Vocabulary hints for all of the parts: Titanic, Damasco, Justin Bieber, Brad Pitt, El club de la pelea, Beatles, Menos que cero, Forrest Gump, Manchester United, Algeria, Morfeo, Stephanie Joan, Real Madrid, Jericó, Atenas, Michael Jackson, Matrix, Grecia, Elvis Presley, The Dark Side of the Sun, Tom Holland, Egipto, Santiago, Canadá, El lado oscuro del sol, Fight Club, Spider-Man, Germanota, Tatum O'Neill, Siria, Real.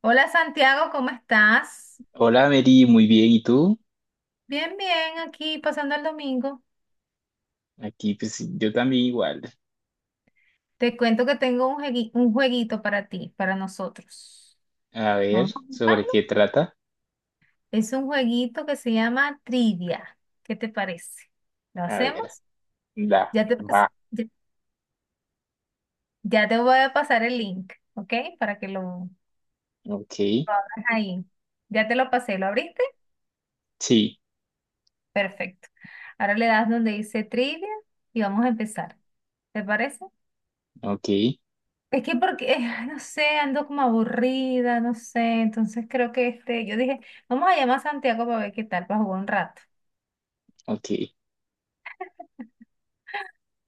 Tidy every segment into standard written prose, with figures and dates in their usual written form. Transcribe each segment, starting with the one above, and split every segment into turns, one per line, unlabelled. Hola Santiago, ¿cómo estás?
Hola Mary, muy bien, ¿y tú?
Bien, bien, aquí pasando el domingo.
Aquí pues yo también igual.
Te cuento que tengo un jueguito para ti, para nosotros.
A ver,
Vamos a
¿sobre
jugar.
qué trata?
Es un jueguito que se llama Trivia. ¿Qué te parece? ¿Lo
A ver,
hacemos?
la,
Ya te, pas-
va,
ya, ya te voy a pasar el link, ¿ok? Para que lo
ok,
abras ahí. Ya te lo pasé, ¿lo abriste?
sí,
Perfecto. Ahora le das donde dice Trivia y vamos a empezar. ¿Te parece?
ok,
Es que porque, no sé, ando como aburrida, no sé, entonces creo que este, yo dije, vamos a llamar a Santiago para ver qué tal, para jugar un rato.
ok,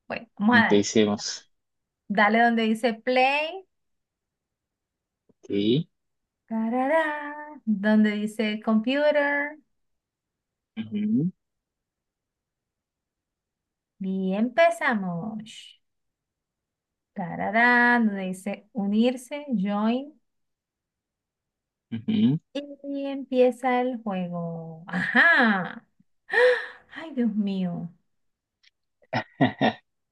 Bueno, vamos a darle.
empecemos.
Dale donde dice play,
Ok,
tarará, donde dice computer,
ujú,
y empezamos. Tarará, donde dice unirse, join,
ujú.
y empieza el juego. Ajá. Ay, Dios mío.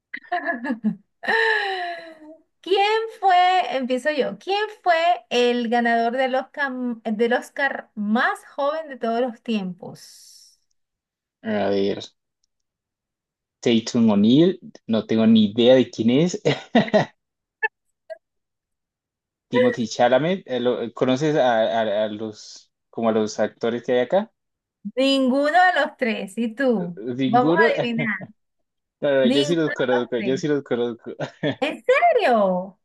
¿Quién fue, empiezo yo, quién fue el ganador del Oscar más joven de todos los tiempos?
A ver, Tatum O'Neill, no tengo ni idea de quién es. Timothy Chalamet, lo- ¿conoces a los, como a los actores que hay acá?
Ninguno de los tres, ¿y tú? Vamos
¿Ninguno?
a adivinar.
No, no, yo sí
Ninguno
los
de los
conozco, yo
tres.
sí los conozco.
¿En serio?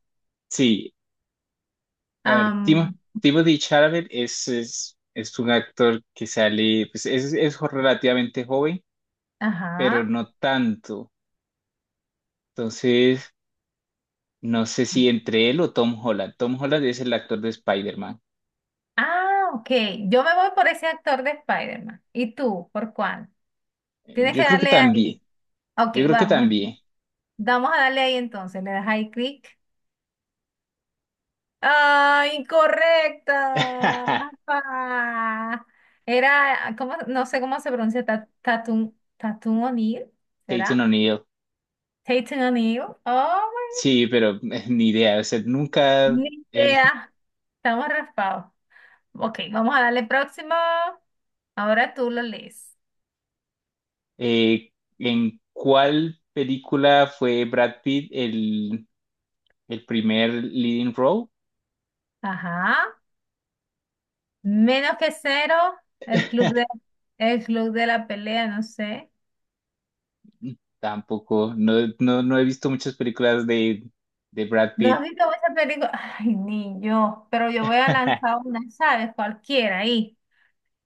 Sí, a ver, Timo,
Am,
Timothy Chalamet es un actor que sale, pues es jo- relativamente joven, pero
ajá.
no tanto. Entonces, no sé si entre él o Tom Holland. Tom Holland es el actor de Spider-Man.
Ah, ok. Yo me voy por ese actor de Spider-Man. ¿Y tú? ¿Por cuál? Tienes que
Yo creo que
darle
también,
ahí. Ok,
yo creo que
vamos.
también.
Vamos a darle ahí entonces. Le das ahí clic. Ay, incorrecta. Ah, era, ¿cómo? No sé cómo se pronuncia, Tatum O'Neill,
Tatum
¿será?
O'Neill.
Tatum O'Neill. Oh,
Sí, pero ni idea. O sea, nunca,
ni
eh,
idea. Estamos raspados. Ok, vamos a darle próximo. Ahora tú lo lees.
eh, ¿en cuál película fue Brad Pitt el primer leading role?
Ajá. Menos que cero, el club de, el club de la pelea, no sé.
Tampoco, no, no, no he visto muchas películas de Brad
¿No has
Pitt.
visto esa película? Ay, ni yo, pero yo voy a lanzar una, ¿sabes? Cualquiera ahí.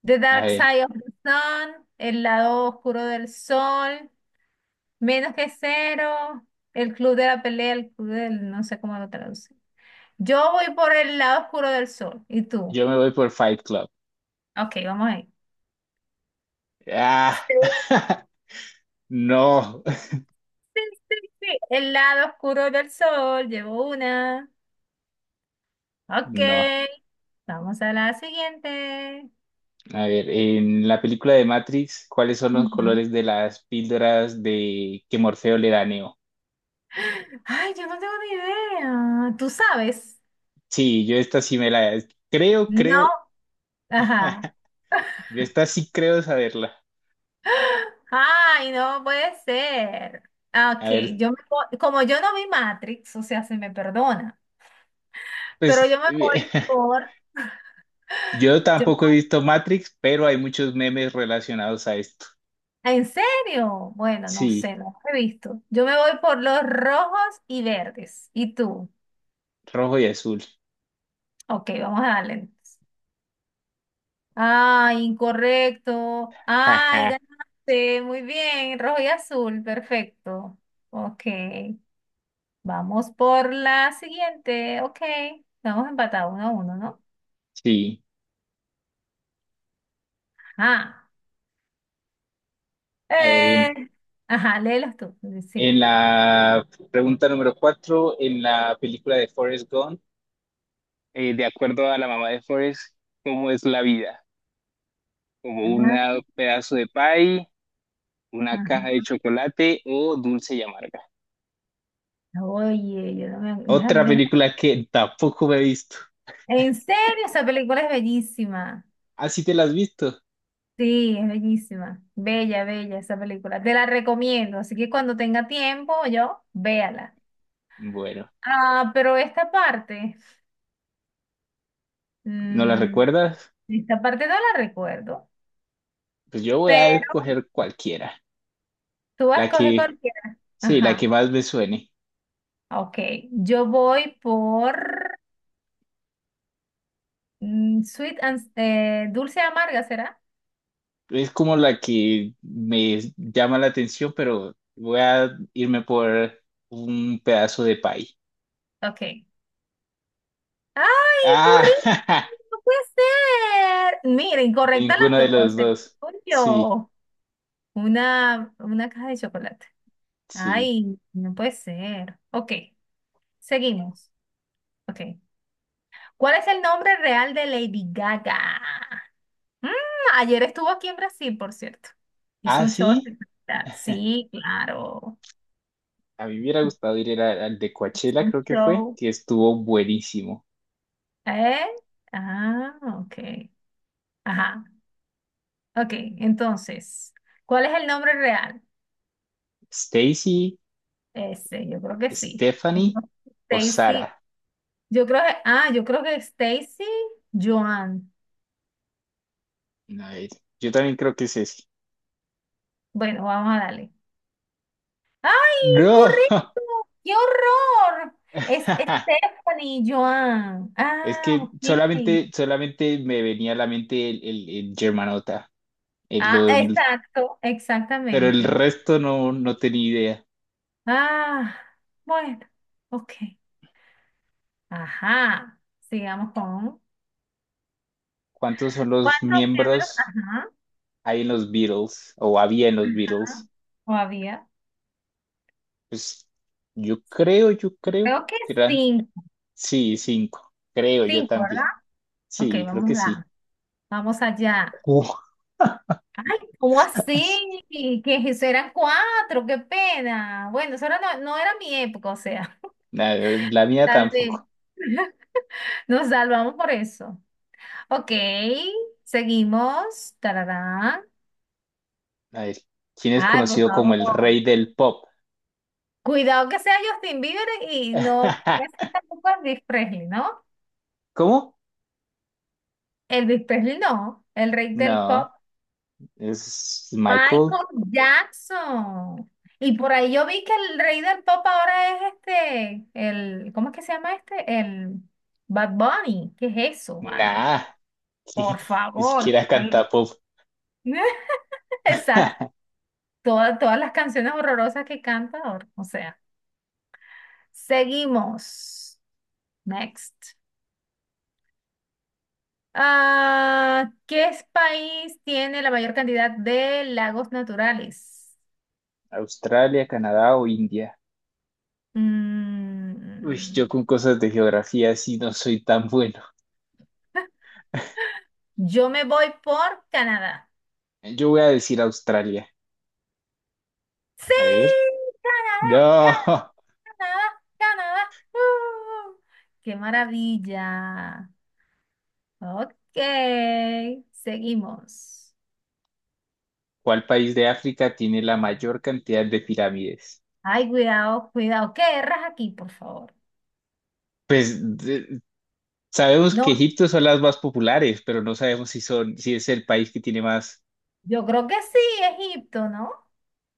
The
A
Dark
ver,
Side of the Sun, El lado oscuro del sol, Menos que cero, El club de la pelea, no sé cómo lo traduce. Yo voy por el lado oscuro del sol, ¿y tú?
yo me voy por Fight Club.
Ok, vamos ahí.
Ah,
Sí,
no,
sí, sí, sí. El lado oscuro del sol, llevo una. Ok,
no.
vamos a la siguiente.
A ver, en la película de Matrix, ¿cuáles son los
Ujú.
colores de las píldoras de que Morfeo le da a Neo?
Ay, yo no tengo ni idea. ¿Tú sabes?
Sí, yo esta sí me la creo,
No.
creo.
Ajá.
Yo esta sí creo saberla.
Ay, no puede ser. Ah,
A
ok,
ver,
como yo no vi Matrix, o sea, se me perdona, pero
pues
yo me voy por...
yo
yo-
tampoco he visto Matrix, pero hay muchos memes relacionados a esto.
¿En serio? Bueno, no
Sí.
sé, no lo he visto. Yo me voy por los rojos y verdes. ¿Y tú?
Rojo y azul.
Ok, vamos a darle, entonces. Ay, incorrecto. Ay,
Jaja,
ganaste. Muy bien, rojo y azul, perfecto. Ok. Vamos por la siguiente. Ok. Estamos empatados 1-1, ¿no?
sí.
Ajá.
A ver, en,
Eh, ajá, léelos tú.
en
Sigue.
la pregunta número cuatro, en la película de Forrest Gump, de acuerdo a la mamá de Forrest, ¿cómo es la vida? ¿Como un
Ah,
pedazo de pie, una caja de
ajá.
chocolate o dulce y amarga?
Oye, yo no me...
Otra
déjame...
película que tampoco me he visto.
En serio, esa película es bellísima.
¿Ah, sí te la has visto?
Sí, es bellísima. Bella, bella esa película. Te la recomiendo. Así que cuando tenga tiempo, yo, véala.
Bueno,
Ah, pero
¿no la
mm,
recuerdas?
esta parte no la recuerdo.
Pues yo voy a
Pero
escoger cualquiera,
tú vas a
la
escoger
que,
cualquiera.
sí, la que
Ajá.
más me suene.
Ok, yo voy por sweet and dulce amarga, ¿será?
Es como la que me llama la atención, pero voy a irme por un pedazo de pay.
Ok. ¡Ay, correcto!
Ah,
¡No puede ser! Mira, incorrecta
ninguno de
las dos.
los
Se
dos. Sí,
Una caja de chocolate.
sí.
¡Ay, no puede ser! Ok, seguimos. Ok. ¿Cuál es el nombre real de Lady Gaga? Mm, ayer estuvo aquí en Brasil, por cierto. Hizo
Ah,
un show
sí.
espectacular. Sí, claro.
A mí me hubiera gustado ir a- al de
Hizo
Coachella,
un
creo que fue,
show.
que estuvo buenísimo.
¿Eh? Ah, ok. Ajá. Ok, entonces, ¿cuál es el nombre real?
Stacy,
Ese, yo creo que sí. Yo
Stephanie
creo que
o
Stacy.
Sara.
Yo creo que Stacy Joan.
A ver, yo también creo que es ese.
Bueno, vamos a darle. ¡Ay,
No.
correcto! ¡Qué horror! Es Stephanie Joan.
Es
Ah,
que
ok.
solamente, solamente me venía a la mente el Germanota. El-
Ah,
lo-
exacto,
pero el
exactamente.
resto no, no tenía idea.
Ah, bueno, ok. Ajá. Sigamos con.
¿Cuántos son los
¿Cuántos géneros?
miembros
Ajá,
hay en los Beatles o había en los
ajá,
Beatles?
o había.
Pues yo creo
Creo que
que eran,
cinco.
sí, cinco. Creo yo
Cinco,
también.
¿verdad? Ok,
Sí, creo
vamos
que sí.
a, vamos allá.
Uf,
Ay, ¿cómo así? Que eso eran cuatro, qué pena. Bueno, no, no era mi época, o sea,
la mía
tal vez.
tampoco.
Nos salvamos por eso. Ok, seguimos. Tararán.
A ver, ¿quién es
Ay, por
conocido como el
favor.
rey del pop?
Cuidado que sea Justin Bieber y no que sea tampoco Elvis Presley, ¿no?
¿Cómo?
Elvis Presley no, el rey del pop,
No, es Michael.
Michael Jackson. Y por ahí yo vi que el rey del pop ahora es este, el, ¿cómo es que se llama este? El Bad Bunny. ¿Qué es eso, vale?
Nah,
Por
ni
favor.
siquiera canta pop.
Exacto. Todas las canciones horrorosas que canta ahora. O sea, seguimos. Next. Ah, ¿Qué país tiene la mayor cantidad de lagos naturales?
Australia, Canadá o India. Uy,
Mm,
yo con cosas de geografía sí no soy tan bueno.
Yo me voy por Canadá.
Yo voy a decir Australia.
Sí,
A ver.
Canadá, Canadá,
No.
Canadá. Canadá. ¡Uh! ¡Qué maravilla! Ok, seguimos.
¿Cuál país de África tiene la mayor cantidad de pirámides?
Ay, cuidado, cuidado. ¿Qué erras aquí, por favor?
Pues de- sabemos que
No,
Egipto son las más populares, pero no sabemos si son, si es el país que tiene más.
yo creo que sí, Egipto, ¿no?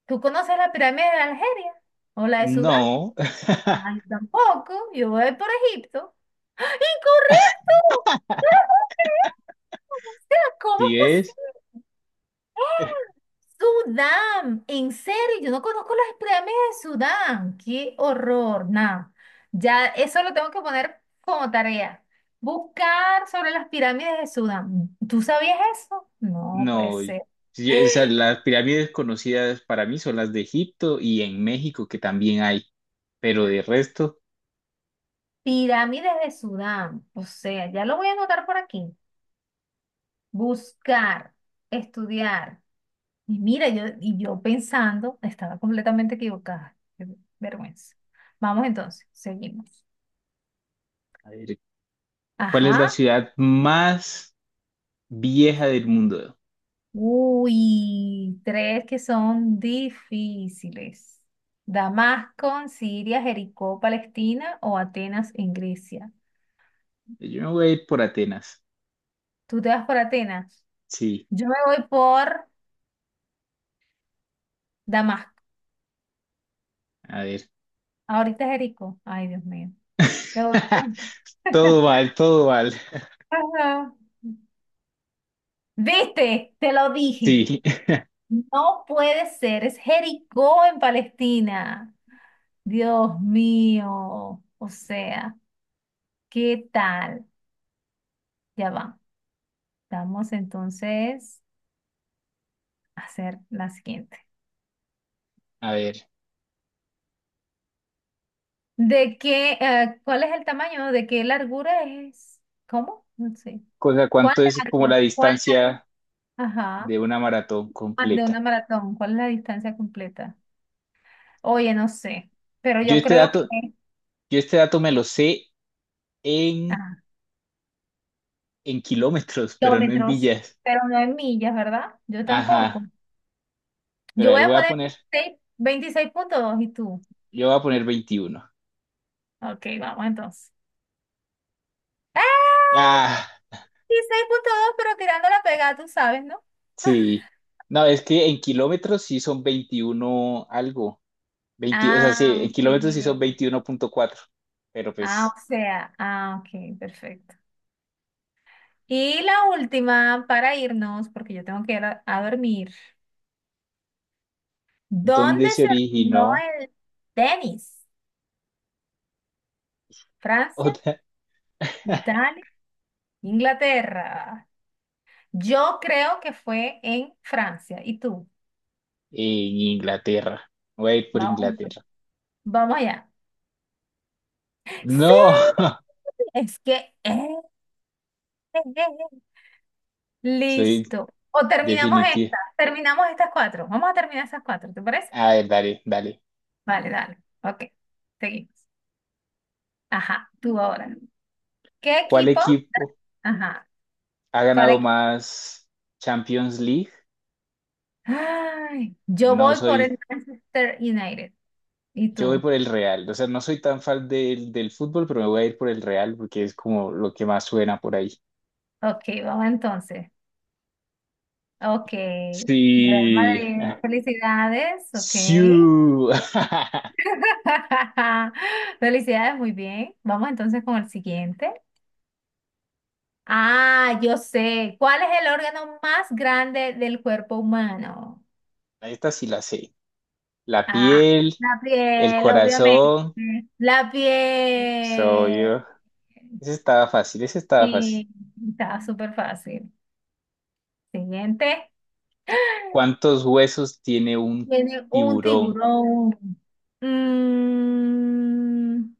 ¿Tú conoces la pirámide de Algeria o la de Sudán?
No.
Ay, yo tampoco. Yo voy por Egipto. ¡Ah! ¡Incorrecto! ¡No lo puedo creer! O sea, ¿cómo es
¿Sí es?
posible? Sudán, en serio, yo no conozco las pirámides de Sudán. Qué horror, nada. Ya eso lo tengo que poner como tarea. Buscar sobre las pirámides de Sudán. ¿Tú sabías eso? No puede
No.
ser.
Sí, o sea, las pirámides conocidas para mí son las de Egipto y en México, que también hay. Pero de resto,
Pirámides de Sudán. O sea, ya lo voy a anotar por aquí. Buscar, estudiar. Y mira, yo pensando, estaba completamente equivocada. Qué vergüenza. Vamos entonces, seguimos.
a ver, ¿cuál es la
Ajá.
ciudad más vieja del mundo?
Uy, tres que son difíciles. Damasco en Siria, Jericó, Palestina o Atenas en Grecia.
Yo me voy a ir por Atenas.
Tú te vas por Atenas.
Sí,
Yo me voy por Damasco.
a ver.
Ahorita Jericó. Ay, Dios mío. Me voy por-
Todo mal, todo mal.
Ajá. ¿Viste? Te lo dije.
Sí,
No puede ser. Es Jericó en Palestina. Dios mío. O sea, ¿qué tal? Ya va. Vamos entonces a hacer la siguiente.
a ver.
¿Cuál es el tamaño? ¿De qué largura es? ¿Cómo? No sé.
Cosa,
¿Cuál
¿cuánto es como la
largo? ¿Cuál largo?
distancia
Ajá.
de una maratón
Ah, de una
completa?
maratón. ¿Cuál es la distancia completa? Oye, no sé. Pero
Yo
yo
este
creo que
dato, yo este dato me lo sé en,
ah,
en kilómetros, pero no en
kilómetros,
millas.
pero no en millas, ¿verdad? Yo tampoco.
Ajá. Pero a
Yo
ver,
voy a
voy a
poner
poner,
seis 26.2 y tú.
yo voy a poner 21.
Ok, vamos entonces. ¡Ah!
Ah,
26.2, pero tirando la pegada, tú sabes, ¿no?
sí. No, es que en kilómetros sí son 21 algo. 20, o sea, sí,
Ah,
en kilómetros hizo
ok.
21,4, pero
Ah,
pues,
o sea, ah, ok, perfecto. Y la última para irnos, porque yo tengo que ir a dormir. ¿Dónde
¿dónde se
se originó
originó
el tenis? ¿Francia?
otra?
¿Italia? ¿Inglaterra? Yo creo que fue en Francia. ¿Y tú?
En Inglaterra. Voy a ir por
Vamos, allá.
Inglaterra.
Vamos allá. Sí,
No,
es que... eh, eh.
soy
Listo. O terminamos
definitiva.
esta. Terminamos estas cuatro. Vamos a terminar esas cuatro, ¿te parece?
A ver, dale, dale.
Vale, dale. Ok, seguimos. Ajá, tú ahora. ¿Qué
¿Cuál
equipo?
equipo
Ajá,
ha
¿cuál
ganado
equipo?
más Champions League?
Ay, yo
No
voy por
soy,
el Manchester United. ¿Y
yo voy
tú?
por el Real. O sea, no soy tan fan del fútbol, pero me voy a ir por el Real porque es como lo que más suena por ahí.
Ok, vamos entonces. Ok, Real
Sí,
Madrid, felicidades. Ok.
sí.
Felicidades, muy bien. Vamos entonces con el siguiente. Ah, yo sé. ¿Cuál es el órgano más grande del cuerpo humano?
Esta sí la sé. La
Ah,
piel,
la
el
piel, obviamente.
corazón,
La
soy
piel.
yo. Ese estaba fácil, ese estaba fácil.
Sí, estaba súper fácil. Siguiente.
¿Cuántos huesos tiene un
Viene un
tiburón?
tiburón. Mm,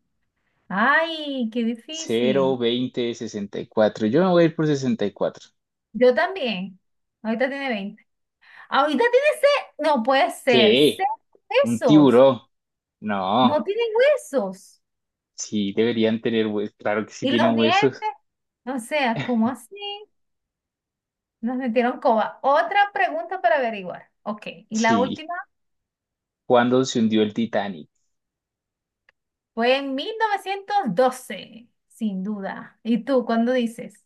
ay, qué
Cero,
difícil.
20, 64. Yo me voy a ir por 64.
Yo también. Ahorita tiene veinte Ahorita tiene seis. No puede ser.
¿Qué?
Seis
¿Un
huesos.
tiburón?
No
No,
tiene huesos.
sí, deberían tener huesos. Claro que sí
Y los
tienen huesos.
dientes. O sea, ¿cómo así? Nos metieron coba. Otra pregunta para averiguar. Ok, y la
Sí.
última
¿Cuándo se hundió el Titanic?
fue en 1912, sin duda. ¿Y tú cuándo dices?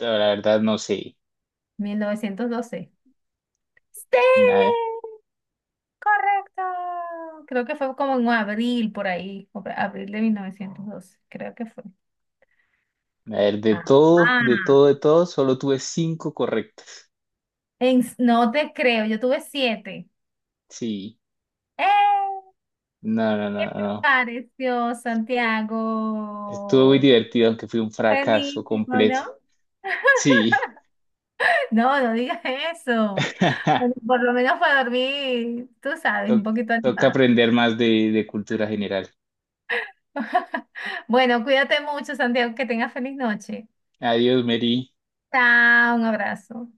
No, la verdad no sé.
¿1912? Sí,
Nada.
correcto. Creo que fue como en abril, por ahí, abril de 1912. Creo que fue.
A ver, de todo,
Ajá.
de todo, de todo, solo tuve cinco correctas.
No te creo, yo tuve siete.
Sí.
¡Eh!
No, no, no, no.
Pareció
Estuvo muy
Santiago.
divertido, aunque fue un fracaso
Buenísimo,
completo.
¿no?
Sí.
No, no digas eso. Bueno, por lo menos para dormir, tú sabes,
To-
un poquito
toca
animado.
aprender más de cultura general.
Bueno, cuídate mucho, Santiago, que tengas feliz noche.
Adiós, Mary.
Chao, un abrazo.